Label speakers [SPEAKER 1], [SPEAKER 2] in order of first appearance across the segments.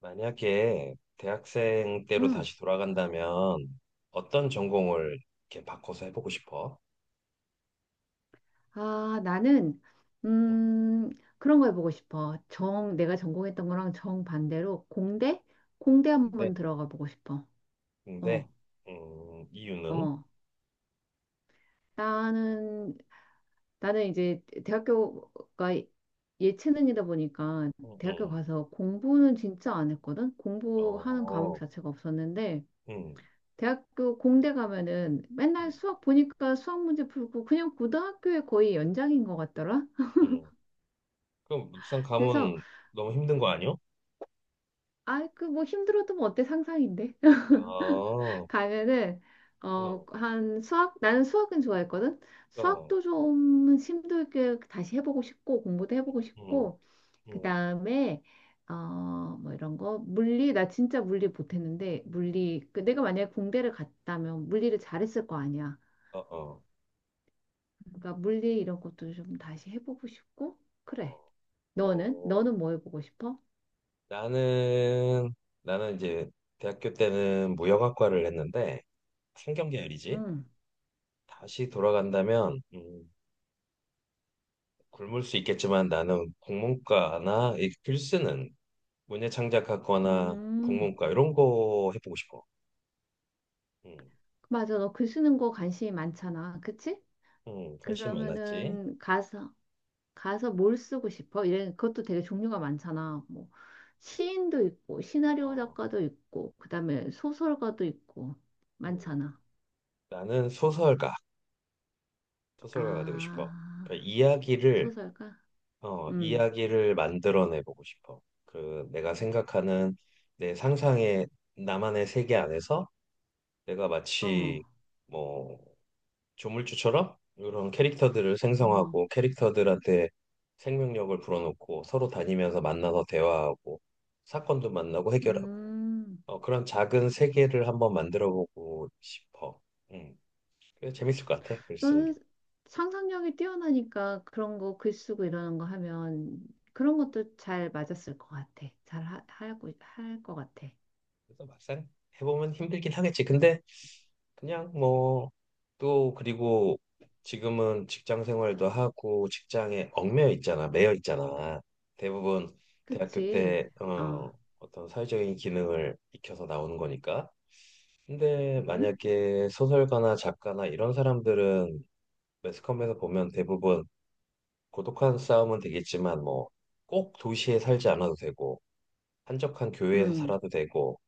[SPEAKER 1] 만약에 대학생 때로
[SPEAKER 2] 응.
[SPEAKER 1] 다시 돌아간다면 어떤 전공을 이렇게 바꿔서 해보고 싶어?
[SPEAKER 2] 아, 나는,
[SPEAKER 1] 어.
[SPEAKER 2] 음, 그런 거 해보고 싶어. 정, 내가 전공했던 거랑 정반대로 공대? 공대
[SPEAKER 1] 근데,
[SPEAKER 2] 한번 들어가 보고 싶어.
[SPEAKER 1] 근데,
[SPEAKER 2] 어,
[SPEAKER 1] 이유는?
[SPEAKER 2] 어. 나는, 나는 이제 대학교가 예, 예체능이다 보니까
[SPEAKER 1] 음.
[SPEAKER 2] 대학교
[SPEAKER 1] 음.
[SPEAKER 2] 가서 공부는 진짜 안 했거든? 공부하는 과목
[SPEAKER 1] 어.
[SPEAKER 2] 자체가 없었는데,
[SPEAKER 1] 음.
[SPEAKER 2] 대학교 공대 가면은 맨날
[SPEAKER 1] 음.
[SPEAKER 2] 수학 보니까 수학 문제 풀고 그냥 고등학교에 거의 연장인 것 같더라?
[SPEAKER 1] 음. 그럼 막상
[SPEAKER 2] 그래서
[SPEAKER 1] 가면 너무 힘든 거 아니야?
[SPEAKER 2] 아, 그 뭐 힘들어도 뭐 어때 상상인데.
[SPEAKER 1] 아, 어.
[SPEAKER 2] 가면은 어,
[SPEAKER 1] 어.
[SPEAKER 2] 한 수학 나는 수학은 좋아했거든.
[SPEAKER 1] 어.
[SPEAKER 2] 수학도 좀 힘들게 다시 해보고 싶고 공부도 해보고
[SPEAKER 1] 음.
[SPEAKER 2] 싶고
[SPEAKER 1] 음.
[SPEAKER 2] 그다음에 어, 뭐 이런 거 물리 나 진짜 물리 못했는데 물리 그 내가 만약에 공대를 갔다면 물리를 잘했을 거 아니야.
[SPEAKER 1] 어. 어.
[SPEAKER 2] 그러니까 물리 이런 것도 좀 다시 해보고 싶고 그래.
[SPEAKER 1] 어.
[SPEAKER 2] 너는
[SPEAKER 1] 어.
[SPEAKER 2] 너는 뭐 해보고 싶어?
[SPEAKER 1] 나는, 나는 이제 대학교 때는 무역학과를 했는데, 상경계열이지?
[SPEAKER 2] 응.
[SPEAKER 1] 다시 돌아간다면 굶을 수 있겠지만 나는 국문과나 이 글쓰는 문예 창작학과나
[SPEAKER 2] 음.
[SPEAKER 1] 국문과 이런 거 해보고 싶어. 음,
[SPEAKER 2] 맞아. 너 글 쓰는 거 관심이 많잖아. 그치?
[SPEAKER 1] 음. 관심 많았지.
[SPEAKER 2] 그러면은 가서 가서 뭘 쓰고 싶어? 이런 그것도 되게 종류가 많잖아. 뭐 시인도 있고 시나리오
[SPEAKER 1] 어.
[SPEAKER 2] 작가도 있고 그다음에 소설가도 있고
[SPEAKER 1] 음.
[SPEAKER 2] 많잖아.
[SPEAKER 1] 나는 소설가, 소설가가 되고 싶어.
[SPEAKER 2] 아,
[SPEAKER 1] 그러니까 이야기를
[SPEAKER 2] 소설가? 음.
[SPEAKER 1] 이야기를 만들어내보고 싶어. 그 내가 생각하는 내 상상의 나만의 세계 안에서 내가
[SPEAKER 2] 어.
[SPEAKER 1] 마치 뭐 조물주처럼 이런 캐릭터들을
[SPEAKER 2] 어.
[SPEAKER 1] 생성하고 캐릭터들한테 생명력을 불어넣고 서로 다니면서 만나서 대화하고 사건도 만나고 해결하고,
[SPEAKER 2] 음.
[SPEAKER 1] 어, 그런 작은 세계를 한번 만들어보고 싶어. 음, 그래서 재밌을 것 같아. 글 쓰는 게.
[SPEAKER 2] 너는 상상력이 뛰어나니까 그런 거 글 쓰고 이러는 거 하면 그런 것도 잘 맞았을 것 같아. 잘 하, 하고 할 것 같아.
[SPEAKER 1] 그래서 막상 해보면 힘들긴 하겠지. 근데 그냥 뭐 또 그리고 지금은 직장 생활도 하고 직장에 매여 있잖아. 대부분 대학교
[SPEAKER 2] 그치?
[SPEAKER 1] 때
[SPEAKER 2] 어.
[SPEAKER 1] 어떤 사회적인 기능을 익혀서 나오는 거니까. 근데
[SPEAKER 2] 음?
[SPEAKER 1] 만약에 소설가나 작가나 이런 사람들은 매스컴에서 보면 대부분 고독한 싸움은 되겠지만 뭐 꼭 도시에 살지 않아도 되고 한적한 교외에서
[SPEAKER 2] 음.
[SPEAKER 1] 살아도 되고.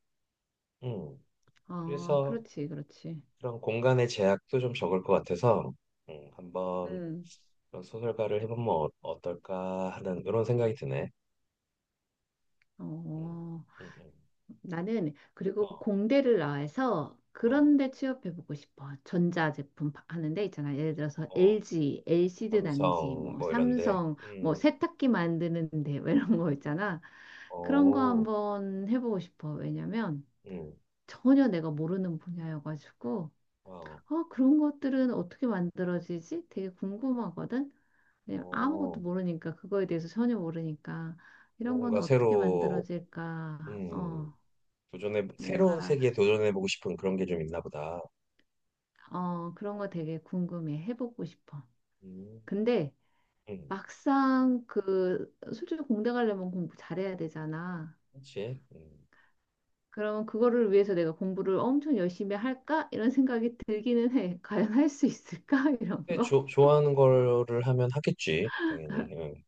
[SPEAKER 1] 음.
[SPEAKER 2] 아,
[SPEAKER 1] 그래서
[SPEAKER 2] 그렇지, 그렇지.
[SPEAKER 1] 그런 공간의 제약도 좀 적을 것 같아서 한번
[SPEAKER 2] 음.
[SPEAKER 1] 그런 소설가를 해보면 어떨까 하는 이런 생각이 드네. 음.
[SPEAKER 2] 어,
[SPEAKER 1] 음. 음.
[SPEAKER 2] 나는 그리고
[SPEAKER 1] 어.
[SPEAKER 2] 공대를 나와서
[SPEAKER 1] 어.
[SPEAKER 2] 그런 데 취업해보고 싶어. 전자제품 파- 하는 데 있잖아. 예를 들어서
[SPEAKER 1] 어.
[SPEAKER 2] LG, l 씨드 단지,
[SPEAKER 1] 삼성
[SPEAKER 2] 뭐
[SPEAKER 1] 뭐 이런데,
[SPEAKER 2] 삼성, 뭐
[SPEAKER 1] 음.
[SPEAKER 2] 세탁기 만드는 데뭐 이런
[SPEAKER 1] 음.
[SPEAKER 2] 거 있잖아. 그런 거
[SPEAKER 1] 어.
[SPEAKER 2] 한번 해보고 싶어. 왜냐면
[SPEAKER 1] 음.
[SPEAKER 2] 전혀 내가 모르는 분야여가지고
[SPEAKER 1] 어.
[SPEAKER 2] 어, 그런 것들은 어떻게 만들어지지? 되게 궁금하거든. 네, 아무것도
[SPEAKER 1] 어.
[SPEAKER 2] 모르니까 그거에 대해서 전혀 모르니까 이런
[SPEAKER 1] 뭔가
[SPEAKER 2] 거는 어떻게
[SPEAKER 1] 새로,
[SPEAKER 2] 만들어질까?
[SPEAKER 1] 음,
[SPEAKER 2] 어,
[SPEAKER 1] 도전해 새로운
[SPEAKER 2] 뭔가
[SPEAKER 1] 세계에 도전해보고 싶은 그런 게 좀 있나 보다.
[SPEAKER 2] 어, 그런 거 되게 궁금해. 해보고 싶어.
[SPEAKER 1] 음.
[SPEAKER 2] 근데
[SPEAKER 1] 음.
[SPEAKER 2] 막상 그 솔직히 공대 가려면 공부 잘해야 되잖아.
[SPEAKER 1] 그렇지. 음.
[SPEAKER 2] 그러면 그거를 위해서 내가 공부를 엄청 열심히 할까? 이런 생각이 들기는 해. 과연 할 수 있을까? 이런
[SPEAKER 1] 근데
[SPEAKER 2] 거.
[SPEAKER 1] 좋아하는 거를 하면 하겠지, 당연히. 음.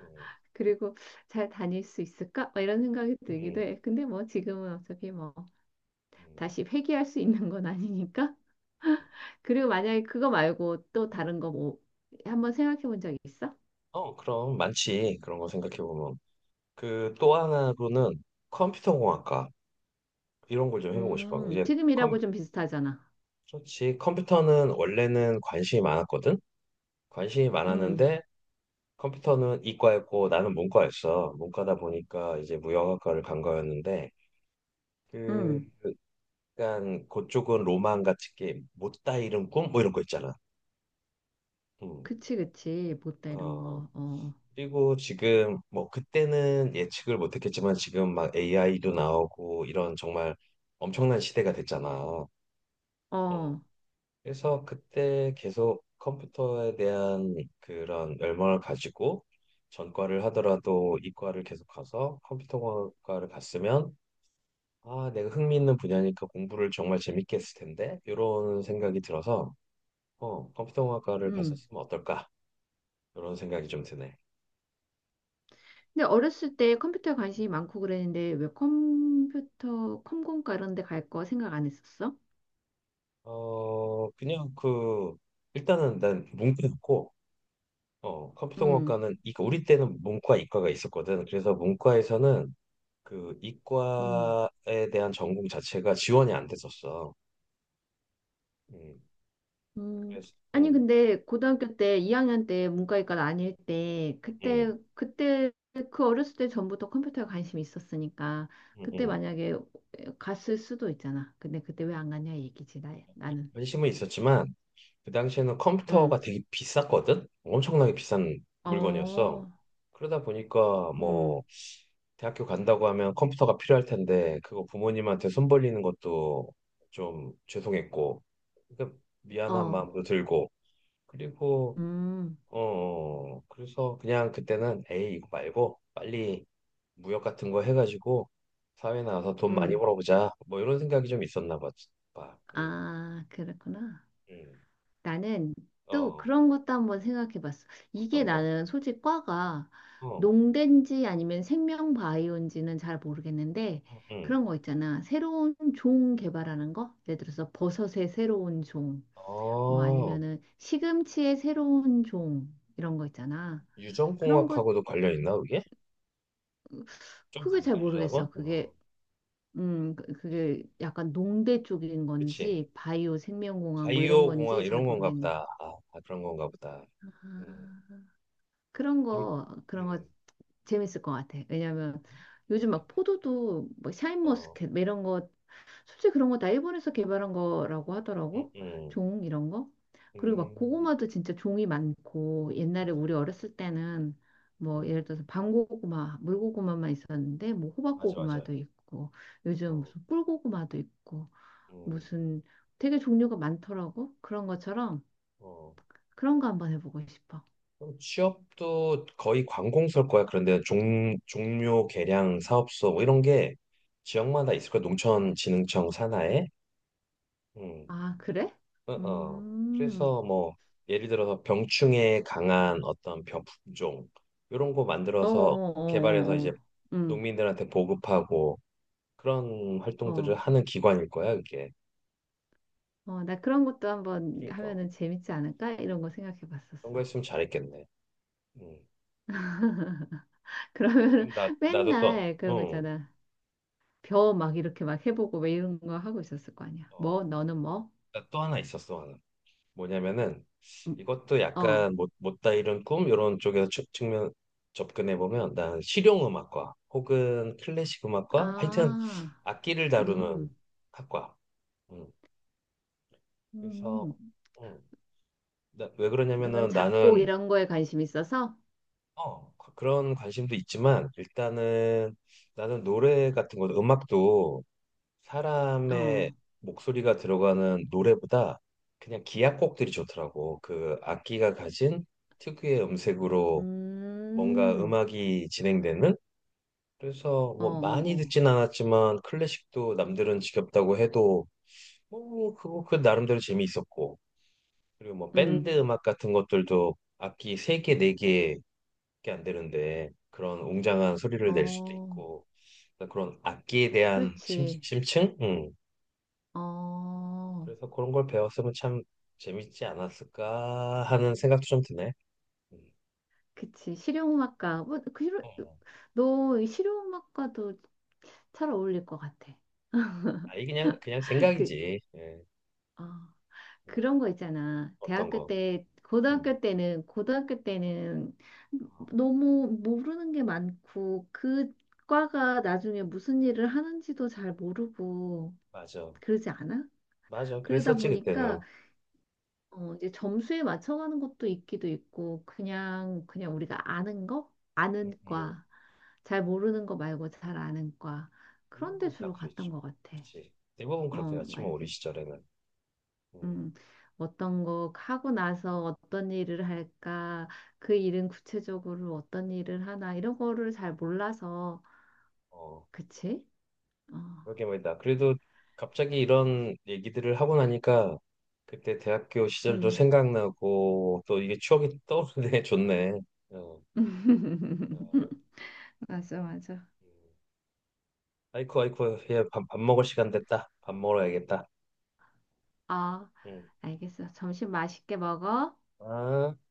[SPEAKER 1] 음.
[SPEAKER 2] 그리고 잘 다닐 수 있을까? 막 이런 생각이 들기도
[SPEAKER 1] 음.
[SPEAKER 2] 해. 근데 뭐 지금은 어차피 뭐
[SPEAKER 1] 음.
[SPEAKER 2] 다시 회귀할 수 있는 건 아니니까 그리고 만약에 그거 말고 또 다른 거 뭐 한번 생각해 본 적 있어?
[SPEAKER 1] 어, 그럼 많지. 그런 거 생각해 보면. 그 또 하나로는 컴퓨터공학과 이런 걸 좀 해보고 싶어. 이제
[SPEAKER 2] 금이라
[SPEAKER 1] 컴,
[SPEAKER 2] 고 좀 비슷하잖아.
[SPEAKER 1] 그렇지. 컴퓨터는 원래는 관심이 많았거든. 관심이
[SPEAKER 2] 음,
[SPEAKER 1] 많았는데 컴퓨터는 이과였고 나는 문과였어. 문과다 보니까 이제 무역학과를 간 거였는데 그
[SPEAKER 2] 음,
[SPEAKER 1] 약간 그쪽은 로망 같이 게 못다 이룬 꿈 뭐 이런 거 있잖아. 음.
[SPEAKER 2] 그치. 못다 이런
[SPEAKER 1] 어,
[SPEAKER 2] 거. 어,
[SPEAKER 1] 그리고 지금 뭐 그때는 예측을 못했겠지만 지금 막 AI도 나오고 이런 정말 엄청난 시대가 됐잖아. 어.
[SPEAKER 2] 어,
[SPEAKER 1] 그래서 그때 계속 컴퓨터에 대한 그런 열망을 가지고 전과를 하더라도 이과를 계속 가서 컴퓨터과를 갔으면 아 내가 흥미 있는 분야니까 공부를 정말 재밌게 했을 텐데 이런 생각이 들어서 어 컴퓨터공학과를
[SPEAKER 2] 음.
[SPEAKER 1] 갔었으면 어떨까 이런 생각이 좀 드네.
[SPEAKER 2] 근데 어렸을 때 컴퓨터에 관심이 많고 그랬는데 왜 컴퓨터, 컴공과 이런 데 갈 거 생각 안 했었어?
[SPEAKER 1] 어, 그냥 그, 일단은 난 문과였고, 어,
[SPEAKER 2] 음,
[SPEAKER 1] 컴퓨터공학과는, 이거 우리 때는 문과, 이과가 있었거든. 그래서 문과에서는 그
[SPEAKER 2] 음.
[SPEAKER 1] 이과에 대한 전공 자체가 지원이 안 됐었어. 음.
[SPEAKER 2] 음,
[SPEAKER 1] 그래서,
[SPEAKER 2] 아니,
[SPEAKER 1] 음,
[SPEAKER 2] 근데 고등학교 때, 2학년 때 문과일과 아닐 때, 그때,
[SPEAKER 1] 음.
[SPEAKER 2] 그때, 그 어렸을 때 전부터 컴퓨터에 관심이 있었으니까,
[SPEAKER 1] 음.
[SPEAKER 2] 그때
[SPEAKER 1] 음.
[SPEAKER 2] 만약에 갔을 수도 있잖아. 근데 그때 왜 안 갔냐 이 얘기지, 나는.
[SPEAKER 1] 관심은 있었지만 그 당시에는
[SPEAKER 2] 응,
[SPEAKER 1] 컴퓨터가 되게 비쌌거든? 엄청나게 비싼 물건이었어.
[SPEAKER 2] 어,
[SPEAKER 1] 그러다 보니까
[SPEAKER 2] 응,
[SPEAKER 1] 뭐 대학교 간다고 하면 컴퓨터가 필요할 텐데 그거 부모님한테 손 벌리는 것도 좀 죄송했고 그러니까 미안한
[SPEAKER 2] 어,
[SPEAKER 1] 마음도 들고 그리고
[SPEAKER 2] 응,
[SPEAKER 1] 어, 그래서 그냥 그때는 에이 이거 말고 빨리 무역 같은 거 해가지고 사회 나와서 돈 많이
[SPEAKER 2] 응.
[SPEAKER 1] 벌어보자 뭐 이런 생각이 좀 있었나 봐. 봐. 응.
[SPEAKER 2] 아, 그랬구나.
[SPEAKER 1] 응.
[SPEAKER 2] 나는 또
[SPEAKER 1] 어.
[SPEAKER 2] 그런 것도 한번 생각해 봤어. 이게
[SPEAKER 1] 어떤 거?
[SPEAKER 2] 나는 솔직히 과가
[SPEAKER 1] 어.
[SPEAKER 2] 농대인지 아니면 생명 바이오인지는 잘 모르겠는데
[SPEAKER 1] 응. 응.
[SPEAKER 2] 그런 거 있잖아. 새로운 종 개발하는 거? 예를 들어서 버섯의 새로운 종, 뭐
[SPEAKER 1] 어,
[SPEAKER 2] 아니면은 시금치의 새로운 종 이런 거 있잖아. 그런 거
[SPEAKER 1] 유전공학하고도 관련 있나 그게? 좀
[SPEAKER 2] 그게 잘
[SPEAKER 1] 다른가 유전학
[SPEAKER 2] 모르겠어.
[SPEAKER 1] 어,
[SPEAKER 2] 그게 그- 그게 약간 농대 쪽인
[SPEAKER 1] 그치.
[SPEAKER 2] 건지 바이오 생명공학 뭐 이런 건지
[SPEAKER 1] 바이오공학
[SPEAKER 2] 잘
[SPEAKER 1] 이런 건가
[SPEAKER 2] 모르겠는.
[SPEAKER 1] 보다. 아, 아, 그런 건가 보다. 음.
[SPEAKER 2] 아,
[SPEAKER 1] 재밌,
[SPEAKER 2] 그런 거
[SPEAKER 1] 음,
[SPEAKER 2] 재밌을 것 같아. 왜냐면 요즘 막
[SPEAKER 1] 재밌겠네.
[SPEAKER 2] 포도도 뭐
[SPEAKER 1] 어.
[SPEAKER 2] 샤인머스켓 뭐 이런 거 솔직히 그런 거 다 일본에서 개발한 거라고
[SPEAKER 1] 응.
[SPEAKER 2] 하더라고.
[SPEAKER 1] 응.
[SPEAKER 2] 종 이런 거. 그리고 막
[SPEAKER 1] 음.
[SPEAKER 2] 고구마도 진짜 종이 많고 옛날에 우리
[SPEAKER 1] 그치.
[SPEAKER 2] 어렸을 때는 뭐
[SPEAKER 1] 음.
[SPEAKER 2] 예를 들어서 밤고구마, 물고구마만 있었는데 뭐
[SPEAKER 1] 맞아, 맞아.
[SPEAKER 2] 호박고구마도 있고 요즘
[SPEAKER 1] 어.
[SPEAKER 2] 무슨 꿀고구마도 있고
[SPEAKER 1] 음.
[SPEAKER 2] 무슨 되게 종류가 많더라고. 그런 것처럼
[SPEAKER 1] 어.
[SPEAKER 2] 그런 거 한번 해보고 싶어.
[SPEAKER 1] 그럼 취업도 거의 관공서일 거야. 그런데 종묘 계량 사업소 뭐 이런 게 지역마다 있을 거야. 농촌진흥청 산하에. 음.
[SPEAKER 2] 아, 그래?
[SPEAKER 1] 어. 어.
[SPEAKER 2] 음.
[SPEAKER 1] 그래서 뭐 예를 들어서 병충해에 강한 어떤 병 품종 이런 거
[SPEAKER 2] 어, 어,
[SPEAKER 1] 만들어서 개발해서
[SPEAKER 2] 어, 어,
[SPEAKER 1] 이제
[SPEAKER 2] 어. 음,
[SPEAKER 1] 농민들한테 보급하고 그런
[SPEAKER 2] 어,
[SPEAKER 1] 활동들을 하는 기관일 거야, 그게.
[SPEAKER 2] 어, 나 그런 것도 한번
[SPEAKER 1] 그러니까 어,
[SPEAKER 2] 하면은 재밌지 않을까? 이런 거 생각해
[SPEAKER 1] 그런 거
[SPEAKER 2] 봤었어.
[SPEAKER 1] 했으면 잘했겠네. 음.
[SPEAKER 2] 그러면
[SPEAKER 1] 그럼 나 나도 또
[SPEAKER 2] 맨날 그런 거
[SPEAKER 1] 어,
[SPEAKER 2] 있잖아. 벼 막 이렇게 막 해보고 왜 이런 거 하고 있었을 거 아니야.
[SPEAKER 1] 어,
[SPEAKER 2] 뭐, 너는 뭐?
[SPEAKER 1] 나 또 하나 있었어, 하나. 뭐냐면은
[SPEAKER 2] 음,
[SPEAKER 1] 이것도
[SPEAKER 2] 어,
[SPEAKER 1] 약간 못, 못다 이룬 꿈 이런 쪽에서 면 접근해 보면 난 실용 음악과 혹은 클래식 음악과 하여튼
[SPEAKER 2] 아,
[SPEAKER 1] 악기를 다루는
[SPEAKER 2] 음,
[SPEAKER 1] 학과. 음. 그래서
[SPEAKER 2] 음,
[SPEAKER 1] 음. 나, 왜
[SPEAKER 2] 그런
[SPEAKER 1] 그러냐면은
[SPEAKER 2] 작곡
[SPEAKER 1] 나는
[SPEAKER 2] 이런 거에 관심 있어서?
[SPEAKER 1] 어, 그런 관심도 있지만 일단은 나는 노래 같은 거 음악도 사람의
[SPEAKER 2] 어,
[SPEAKER 1] 목소리가 들어가는 노래보다 그냥 기악곡들이 좋더라고. 그 악기가 가진 특유의 음색으로 뭔가
[SPEAKER 2] 음,
[SPEAKER 1] 음악이 진행되는? 그래서
[SPEAKER 2] 어, 어,
[SPEAKER 1] 뭐 많이
[SPEAKER 2] 어,
[SPEAKER 1] 듣진 않았지만 클래식도 남들은 지겹다고 해도 뭐 그거 그 나름대로 재미있었고 그리고 뭐 밴드
[SPEAKER 2] 음,
[SPEAKER 1] 음악 같은 것들도 악기 세 개 네개밖에안 되는데 그런 웅장한 소리를 낼 수도
[SPEAKER 2] 어,
[SPEAKER 1] 있고 그러니까 그런 악기에 대한
[SPEAKER 2] 그렇지.
[SPEAKER 1] 심층? 음.
[SPEAKER 2] 어,
[SPEAKER 1] 그래서 그런 걸 배웠으면 참 재밌지 않았을까 하는 생각도 좀 드네. 음.
[SPEAKER 2] 그치. 실용음악과. 뭐, 그, 실용-
[SPEAKER 1] 어.
[SPEAKER 2] 너이 실용음악과도 잘 어울릴 것 같아.
[SPEAKER 1] 아이 그냥 그냥
[SPEAKER 2] 그,
[SPEAKER 1] 생각이지. 예.
[SPEAKER 2] 어,
[SPEAKER 1] 음.
[SPEAKER 2] 그런 거 있잖아.
[SPEAKER 1] 어떤
[SPEAKER 2] 대학교
[SPEAKER 1] 거.
[SPEAKER 2] 때,
[SPEAKER 1] 음.
[SPEAKER 2] 고등학교 때는 너무 모르는 게 많고, 그 과가 나중에 무슨 일을 하는지도 잘 모르고,
[SPEAKER 1] 맞아.
[SPEAKER 2] 그러지 않아?
[SPEAKER 1] 맞아.
[SPEAKER 2] 그러다
[SPEAKER 1] 그랬었지, 그때는.
[SPEAKER 2] 보니까, 어, 이제 점수에 맞춰가는 것도 있기도 있고, 그냥 우리가 아는 거?
[SPEAKER 1] 음.
[SPEAKER 2] 아는
[SPEAKER 1] 음.
[SPEAKER 2] 과. 잘 모르는 거 말고 잘 아는 과. 그런 데
[SPEAKER 1] 대부분 다
[SPEAKER 2] 주로 갔던
[SPEAKER 1] 그랬지.
[SPEAKER 2] 것 같아.
[SPEAKER 1] 그치. 대부분 그렇게
[SPEAKER 2] 어,
[SPEAKER 1] 갔지,
[SPEAKER 2] 막
[SPEAKER 1] 뭐, 우리
[SPEAKER 2] 이렇게,
[SPEAKER 1] 시절에는. 음.
[SPEAKER 2] 음, 어떤 거 하고 나서 어떤 일을 할까, 그 일은 구체적으로 어떤 일을 하나, 이런 거를 잘 몰라서,
[SPEAKER 1] 어.
[SPEAKER 2] 그치? 어,
[SPEAKER 1] 그러게 말이다. 그래도 갑자기 이런 얘기들을 하고 나니까 그때 대학교 시절도
[SPEAKER 2] 음.
[SPEAKER 1] 생각나고 또 이게 추억이 떠오르네. 좋네. 어. 어.
[SPEAKER 2] 맞아.
[SPEAKER 1] 음. 아이쿠, 아이쿠. 예, 밥, 밥 먹을 시간 됐다. 밥 먹으러 야겠다.
[SPEAKER 2] 아,
[SPEAKER 1] 음.
[SPEAKER 2] 알겠어. 점심 맛있게 먹어.
[SPEAKER 1] 아.